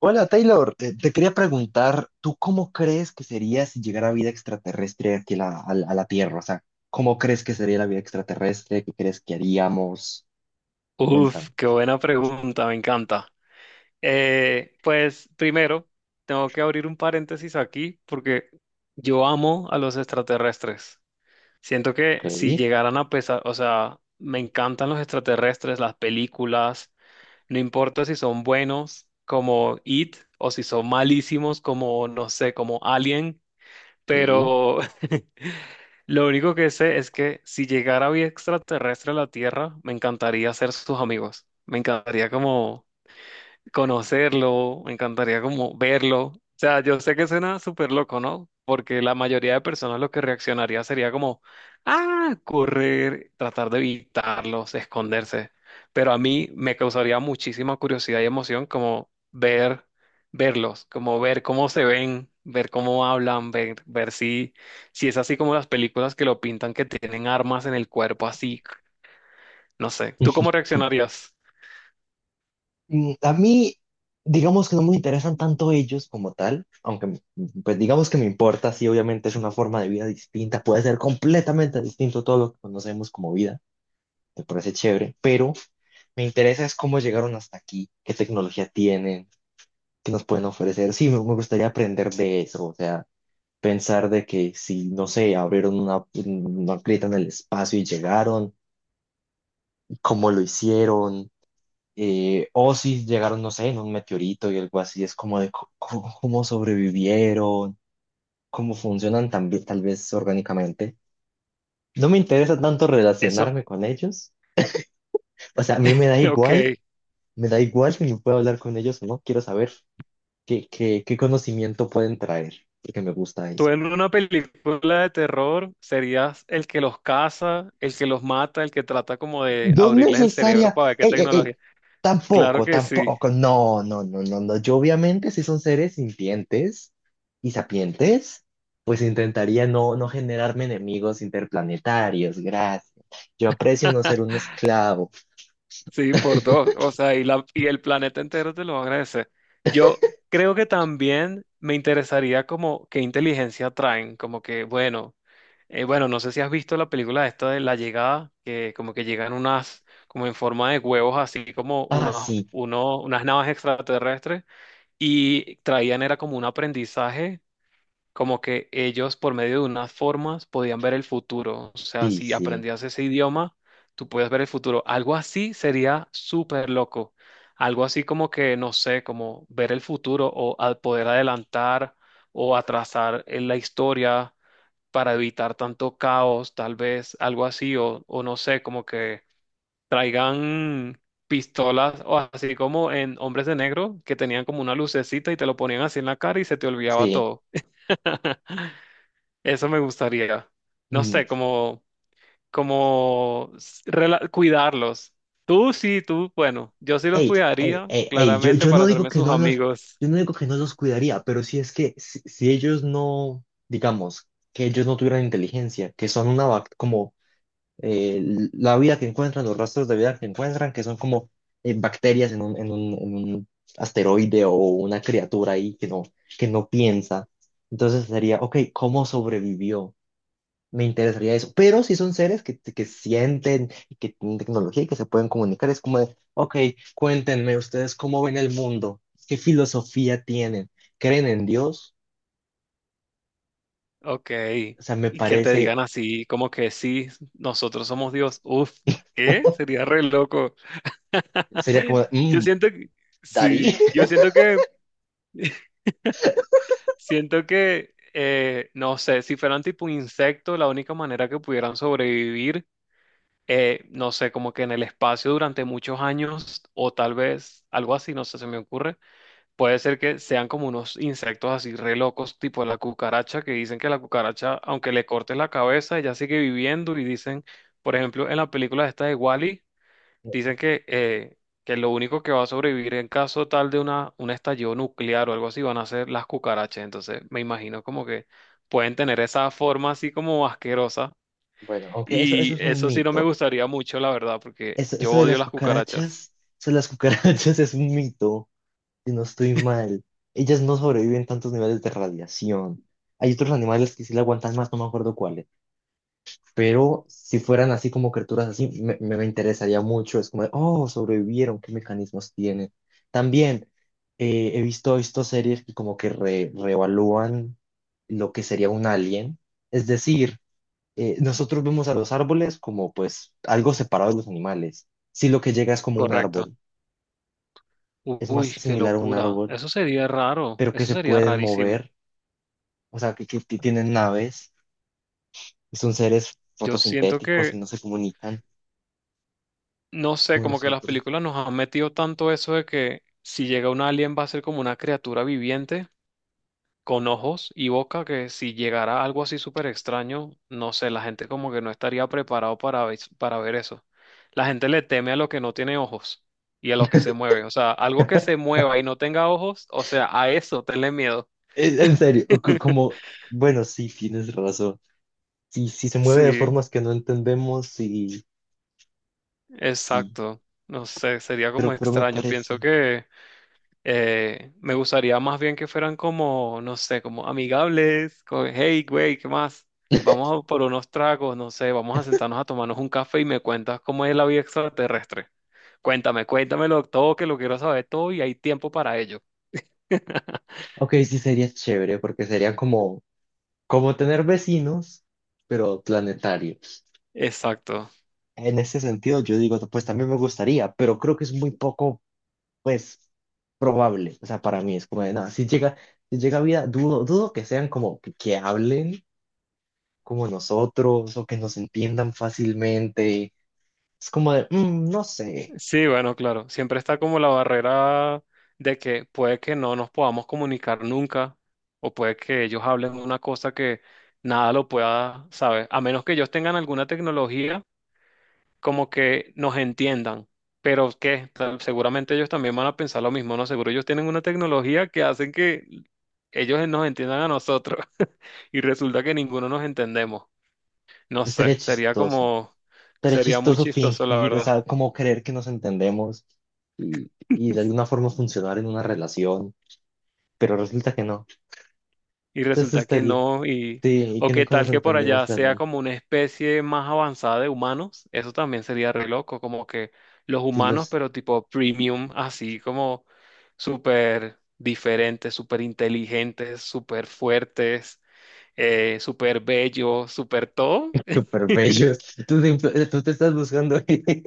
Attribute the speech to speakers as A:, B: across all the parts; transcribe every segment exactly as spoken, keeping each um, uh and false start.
A: Hola Taylor, te, te quería preguntar, ¿tú cómo crees que sería si llegara vida extraterrestre aquí a la, a la- a la Tierra? O sea, ¿cómo crees que sería la vida extraterrestre? ¿Qué crees que haríamos? Cuéntame.
B: Uf, qué buena pregunta, me encanta. Eh, pues primero, tengo que abrir un paréntesis aquí porque yo amo a los extraterrestres. Siento que
A: Ok,
B: si llegaran a pesar, o sea, me encantan los extraterrestres, las películas, no importa si son buenos como It o si son malísimos como, no sé, como Alien.
A: sí.
B: Pero lo único que sé es que si llegara vida extraterrestre a la Tierra, me encantaría ser sus amigos. Me encantaría como conocerlo, me encantaría como verlo. O sea, yo sé que suena súper loco, ¿no? Porque la mayoría de personas lo que reaccionaría sería como, ah, correr, tratar de evitarlos, esconderse. Pero a mí me causaría muchísima curiosidad y emoción como ver, verlos, como ver cómo se ven, ver cómo hablan, ver, ver si, si es así como las películas que lo pintan, que tienen armas en el cuerpo, así, no sé. ¿Tú cómo reaccionarías?
A: Mm, A mí, digamos que no me interesan tanto ellos como tal, aunque me- pues digamos que me importa, sí, obviamente es una forma de vida distinta, puede ser completamente distinto a todo lo que conocemos como vida, me parece chévere, pero me interesa es cómo llegaron hasta aquí, qué tecnología tienen. Que nos pueden ofrecer. Sí, me me gustaría aprender de eso, o sea, pensar de que si, no sé, abrieron una, una grieta en el espacio y llegaron, cómo lo hicieron, eh, o si llegaron, no sé, en un meteorito y algo así, es como de co- co- cómo sobrevivieron, cómo funcionan también tal vez orgánicamente. No me interesa tanto
B: Eso,
A: relacionarme con ellos, o sea, a mí me da
B: ok.
A: igual, me da igual si me puedo hablar con ellos o no, quiero saber qué, qué, qué conocimiento pueden traer, porque me gusta
B: Tú
A: eso.
B: en una película de terror serías el que los caza, el que los mata, el que trata como de
A: No
B: abrirles el cerebro
A: necesaria.
B: para ver qué
A: Ey, ey, ey.
B: tecnología. Claro
A: Tampoco,
B: que sí,
A: tampoco. No, no, no, no, no. Yo obviamente si son seres sintientes y sapientes, pues intentaría no, no generarme enemigos interplanetarios. Gracias. Yo aprecio no ser un esclavo.
B: sí, por dos. O sea, y, la, y el planeta entero te lo va a agradecer. Yo creo que también me interesaría como qué inteligencia traen, como que, bueno, eh, bueno, no sé si has visto la película esta de La Llegada, que como que llegan unas, como en forma de huevos, así como
A: Ah,
B: unos,
A: sí,
B: uno, unas naves extraterrestres y traían era como un aprendizaje, como que ellos por medio de unas formas podían ver el futuro. O sea,
A: sí,
B: si
A: sí,
B: aprendías ese idioma, tú puedes ver el futuro. Algo así sería súper loco. Algo así como que, no sé, como ver el futuro o al poder adelantar o atrasar en la historia para evitar tanto caos, tal vez, algo así, o, o no sé, como que traigan pistolas o así como en Hombres de Negro, que tenían como una lucecita y te lo ponían así en la cara y se te olvidaba
A: sí.
B: todo. Eso me gustaría. No
A: Mm.
B: sé, como, como s- rela- cuidarlos. Tú sí, tú, bueno, yo sí los
A: Ey, ey,
B: cuidaría,
A: ey, ey. Yo,
B: claramente,
A: yo
B: para
A: no digo
B: hacerme
A: que
B: sus
A: no los,
B: amigos.
A: yo no digo que no los cuidaría, pero si es que si, si ellos no, digamos, que ellos no tuvieran inteligencia, que son una, bac- como eh, la vida que encuentran, los rastros de vida que encuentran, que son como eh, bacterias en un, en un- en un asteroide o una criatura ahí que no, que no piensa. Entonces sería, ok, ¿cómo sobrevivió? Me interesaría eso. Pero si son seres que, que sienten y que tienen tecnología y que se pueden comunicar, es como de, ok, cuéntenme ustedes cómo ven el mundo, qué filosofía tienen, creen en Dios.
B: Ok.
A: O sea, me
B: Y que te
A: parece,
B: digan así, como que sí, nosotros somos Dios. Uf, ¿qué? Sería re loco.
A: sería como, de,
B: Yo
A: mm,
B: siento que,
A: Darí.
B: sí, yo siento que siento que, eh, no sé, si fueran tipo insectos, la única manera que pudieran sobrevivir, eh, no sé, como que en el espacio durante muchos años o tal vez algo así, no sé, se me ocurre, puede ser que sean como unos insectos así re locos, tipo la cucaracha, que dicen que la cucaracha, aunque le cortes la cabeza, ella sigue viviendo y dicen, por ejemplo, en la película esta de Wally. Dicen que, eh, que lo único que va a sobrevivir en caso tal de una, un estallido nuclear o algo así van a ser las cucarachas. Entonces me imagino como que pueden tener esa forma así como asquerosa.
A: Bueno, aunque eso, eso
B: Y
A: es un
B: eso sí no me
A: mito.
B: gustaría mucho, la verdad, porque
A: Eso,
B: yo
A: eso de
B: odio
A: las
B: las cucarachas.
A: cucarachas, eso de las cucarachas es un mito, si no estoy mal. Ellas no sobreviven tantos niveles de radiación. Hay otros animales que sí la aguantan más, no me acuerdo cuáles. Pero si fueran así como criaturas así, me, me, me interesaría mucho. Es como, de, oh, sobrevivieron, ¿qué mecanismos tienen? También eh, he visto, visto series que como que re- reevalúan lo que sería un alien. Es decir, eh, nosotros vemos a los árboles como pues algo separado de los animales. Si lo que llega es como un
B: Correcto.
A: árbol,
B: U-
A: es más
B: Uy, qué
A: similar a un
B: locura.
A: árbol,
B: Eso sería raro.
A: pero que
B: Eso
A: se
B: sería
A: pueden
B: rarísimo.
A: mover, o sea, que, que que tienen naves y son seres
B: Yo siento
A: fotosintéticos y
B: que,
A: no se comunican
B: no sé,
A: como
B: como que las
A: nosotros.
B: películas nos han metido tanto eso de que si llega un alien va a ser como una criatura viviente, con ojos y boca, que si llegara algo así súper extraño, no sé, la gente como que no estaría preparado para, ves- para ver eso. La gente le teme a lo que no tiene ojos y a lo que se mueve. O sea, algo que se mueva y no tenga ojos, o sea, a eso tenle miedo.
A: En en serio, o co- como, bueno, sí, tienes razón. Sí, sí se mueve de
B: Sí,
A: formas que no entendemos, sí, sí,
B: exacto. No sé, sería como
A: pero, pero me
B: extraño. Pienso
A: parece.
B: que Eh, me gustaría más bien que fueran como, no sé, como amigables, como, hey, güey, ¿qué más? Vamos a por unos tragos, no sé, vamos a sentarnos a tomarnos un café y me cuentas cómo es la vida extraterrestre. Cuéntame, cuéntamelo todo, que lo quiero saber todo y hay tiempo para ello.
A: Ok, sí sería chévere porque sería como, como tener vecinos, pero planetarios.
B: Exacto.
A: En ese sentido, yo digo, pues también me gustaría, pero creo que es muy poco, pues, probable. O sea, para mí es como de nada. Si llega, si llega vida, dudo, dudo que sean como que, que hablen como nosotros o que nos entiendan fácilmente. Es como de, "Mm, no sé,
B: Sí, bueno, claro. Siempre está como la barrera de que puede que no nos podamos comunicar nunca o puede que ellos hablen una cosa que nada lo pueda saber. A menos que ellos tengan alguna tecnología como que nos entiendan. Pero que seguramente ellos también van a pensar lo mismo, ¿no? Seguro ellos tienen una tecnología que hacen que ellos nos entiendan a nosotros y resulta que ninguno nos entendemos. No sé,
A: estaría
B: sería
A: chistoso.
B: como,
A: Estaría
B: sería muy
A: chistoso
B: chistoso, la
A: fingir, o
B: verdad.
A: sea, como creer que nos entendemos y, y de alguna forma funcionar en una relación, pero resulta que no.
B: Y
A: Entonces
B: resulta que
A: estaría,
B: no, y
A: sí, y que
B: o qué
A: nunca nos
B: tal que por
A: entendimos
B: allá sea
A: realmente.
B: como una especie más avanzada de humanos, eso también sería re loco, como que los
A: Sí,
B: humanos,
A: los
B: pero tipo premium, así como súper diferentes, súper inteligentes, súper fuertes, eh, súper bellos, súper todo.
A: Súper bellos. Tú, te tú te estás buscando. Y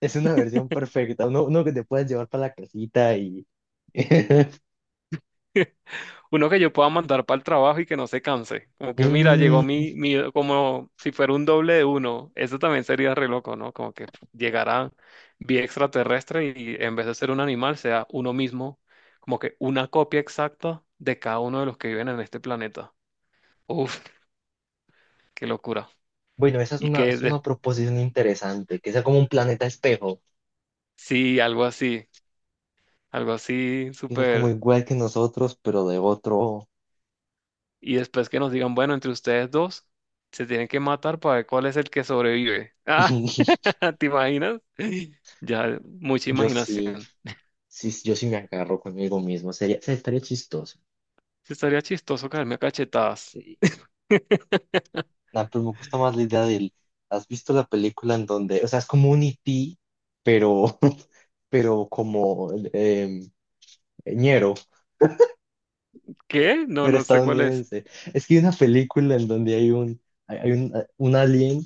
A: es una versión perfecta. Uno, uno que te puedas llevar para la casita y.
B: Uno que yo pueda mandar para el trabajo y que no se canse. Como que, mira, llegó
A: Mm,
B: mi, mi, como si fuera un doble de uno. Eso también sería re loco, ¿no? Como que llegara vía extraterrestre y en vez de ser un animal, sea uno mismo, como que una copia exacta de cada uno de los que viven en este planeta. Uf, qué locura.
A: bueno, esa es
B: Y
A: una,
B: que
A: es
B: de-
A: una proposición interesante. Que sea como un planeta espejo.
B: sí, algo así, algo así
A: Que sea como
B: súper.
A: igual que nosotros, pero de otro.
B: Y después que nos digan, bueno, entre ustedes dos se tienen que matar para ver cuál es el que sobrevive. ¿Te imaginas? Ya, mucha
A: Yo sí,
B: imaginación.
A: sí, yo sí me agarro conmigo mismo. Sería, sería estaría chistoso.
B: Sí, estaría chistoso caerme a cachetadas.
A: Eh, nah, pero me gusta más la idea del. ¿Has visto la película en donde, o sea, es como un E T, pero, pero como em, ñero,
B: ¿Qué? No,
A: pero
B: no sé cuál es.
A: estadounidense. Es que hay una película en donde hay un, hay hay un, un alien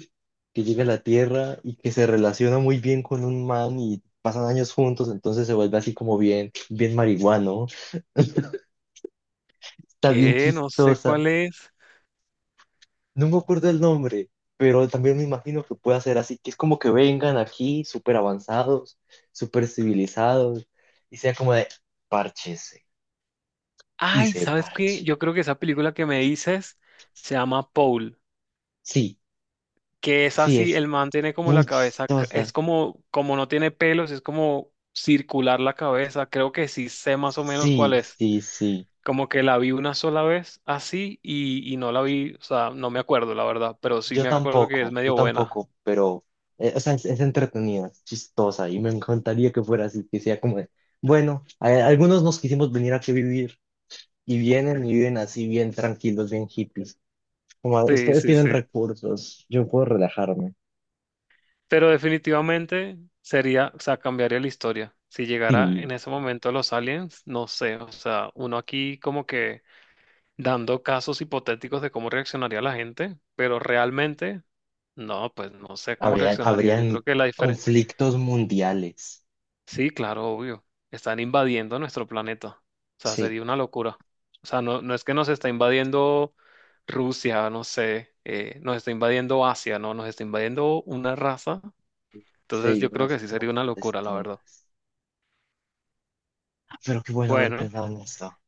A: que llega a la Tierra y que se relaciona muy bien con un man y pasan años juntos, entonces se vuelve así como bien, bien marihuano. Está bien
B: ¿Qué? No sé
A: chistosa.
B: cuál es.
A: No me acuerdo el nombre, pero también me imagino que puede ser así, que es como que vengan aquí súper avanzados, súper civilizados y sea como de párchese y
B: Ay,
A: se
B: ¿sabes qué?
A: parche.
B: Yo creo que esa película que me dices se llama Paul,
A: Sí,
B: que es
A: sí,
B: así,
A: es
B: el man tiene como la
A: muy
B: cabeza, c- es
A: chistosa.
B: como, como no tiene pelos, es como circular la cabeza. Creo que sí sé más o menos cuál
A: Sí,
B: es.
A: sí, sí.
B: Como que la vi una sola vez así y, y no la vi, o sea, no me acuerdo la verdad, pero sí
A: Yo
B: me acuerdo que es
A: tampoco, yo
B: medio buena.
A: tampoco, pero eh, o sea, es, es entretenida, es chistosa y me encantaría que fuera así, que sea como de, bueno, a- algunos nos quisimos venir aquí a vivir y vienen y viven así bien tranquilos, bien hippies. Como a-
B: Sí,
A: ustedes
B: sí,
A: tienen
B: sí.
A: recursos, yo puedo relajarme.
B: Pero definitivamente sería, o sea, cambiaría la historia. Si llegara
A: Sí,
B: en ese momento los aliens, no sé, o sea, uno aquí como que dando casos hipotéticos de cómo reaccionaría la gente, pero realmente, no, pues no sé cómo
A: habría,
B: reaccionaría. Yo creo
A: habrían
B: que la diferencia,
A: conflictos mundiales.
B: sí, claro, obvio, están invadiendo nuestro planeta. O sea,
A: Sí.
B: sería una locura. O sea, no, no es que nos está invadiendo Rusia, no sé, eh, nos está invadiendo Asia, no, nos está invadiendo una raza. Entonces
A: Sí,
B: yo
A: una
B: creo que sí
A: especie de
B: sería una
A: conflictos
B: locura, la verdad.
A: distintas. Ah, pero qué bueno haber
B: Bueno,
A: pensado en esto.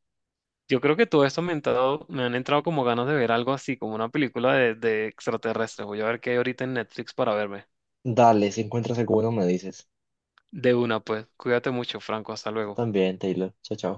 B: yo creo que todo esto me, ha entrado- me han entrado como ganas de ver algo así, como una película de, de extraterrestres. Voy a ver qué hay ahorita en Netflix para verme.
A: Dale, si encuentras alguno, me dices.
B: De una, pues. Cuídate mucho, Franco. Hasta
A: Tú
B: luego.
A: también, Taylor. Chao, chao.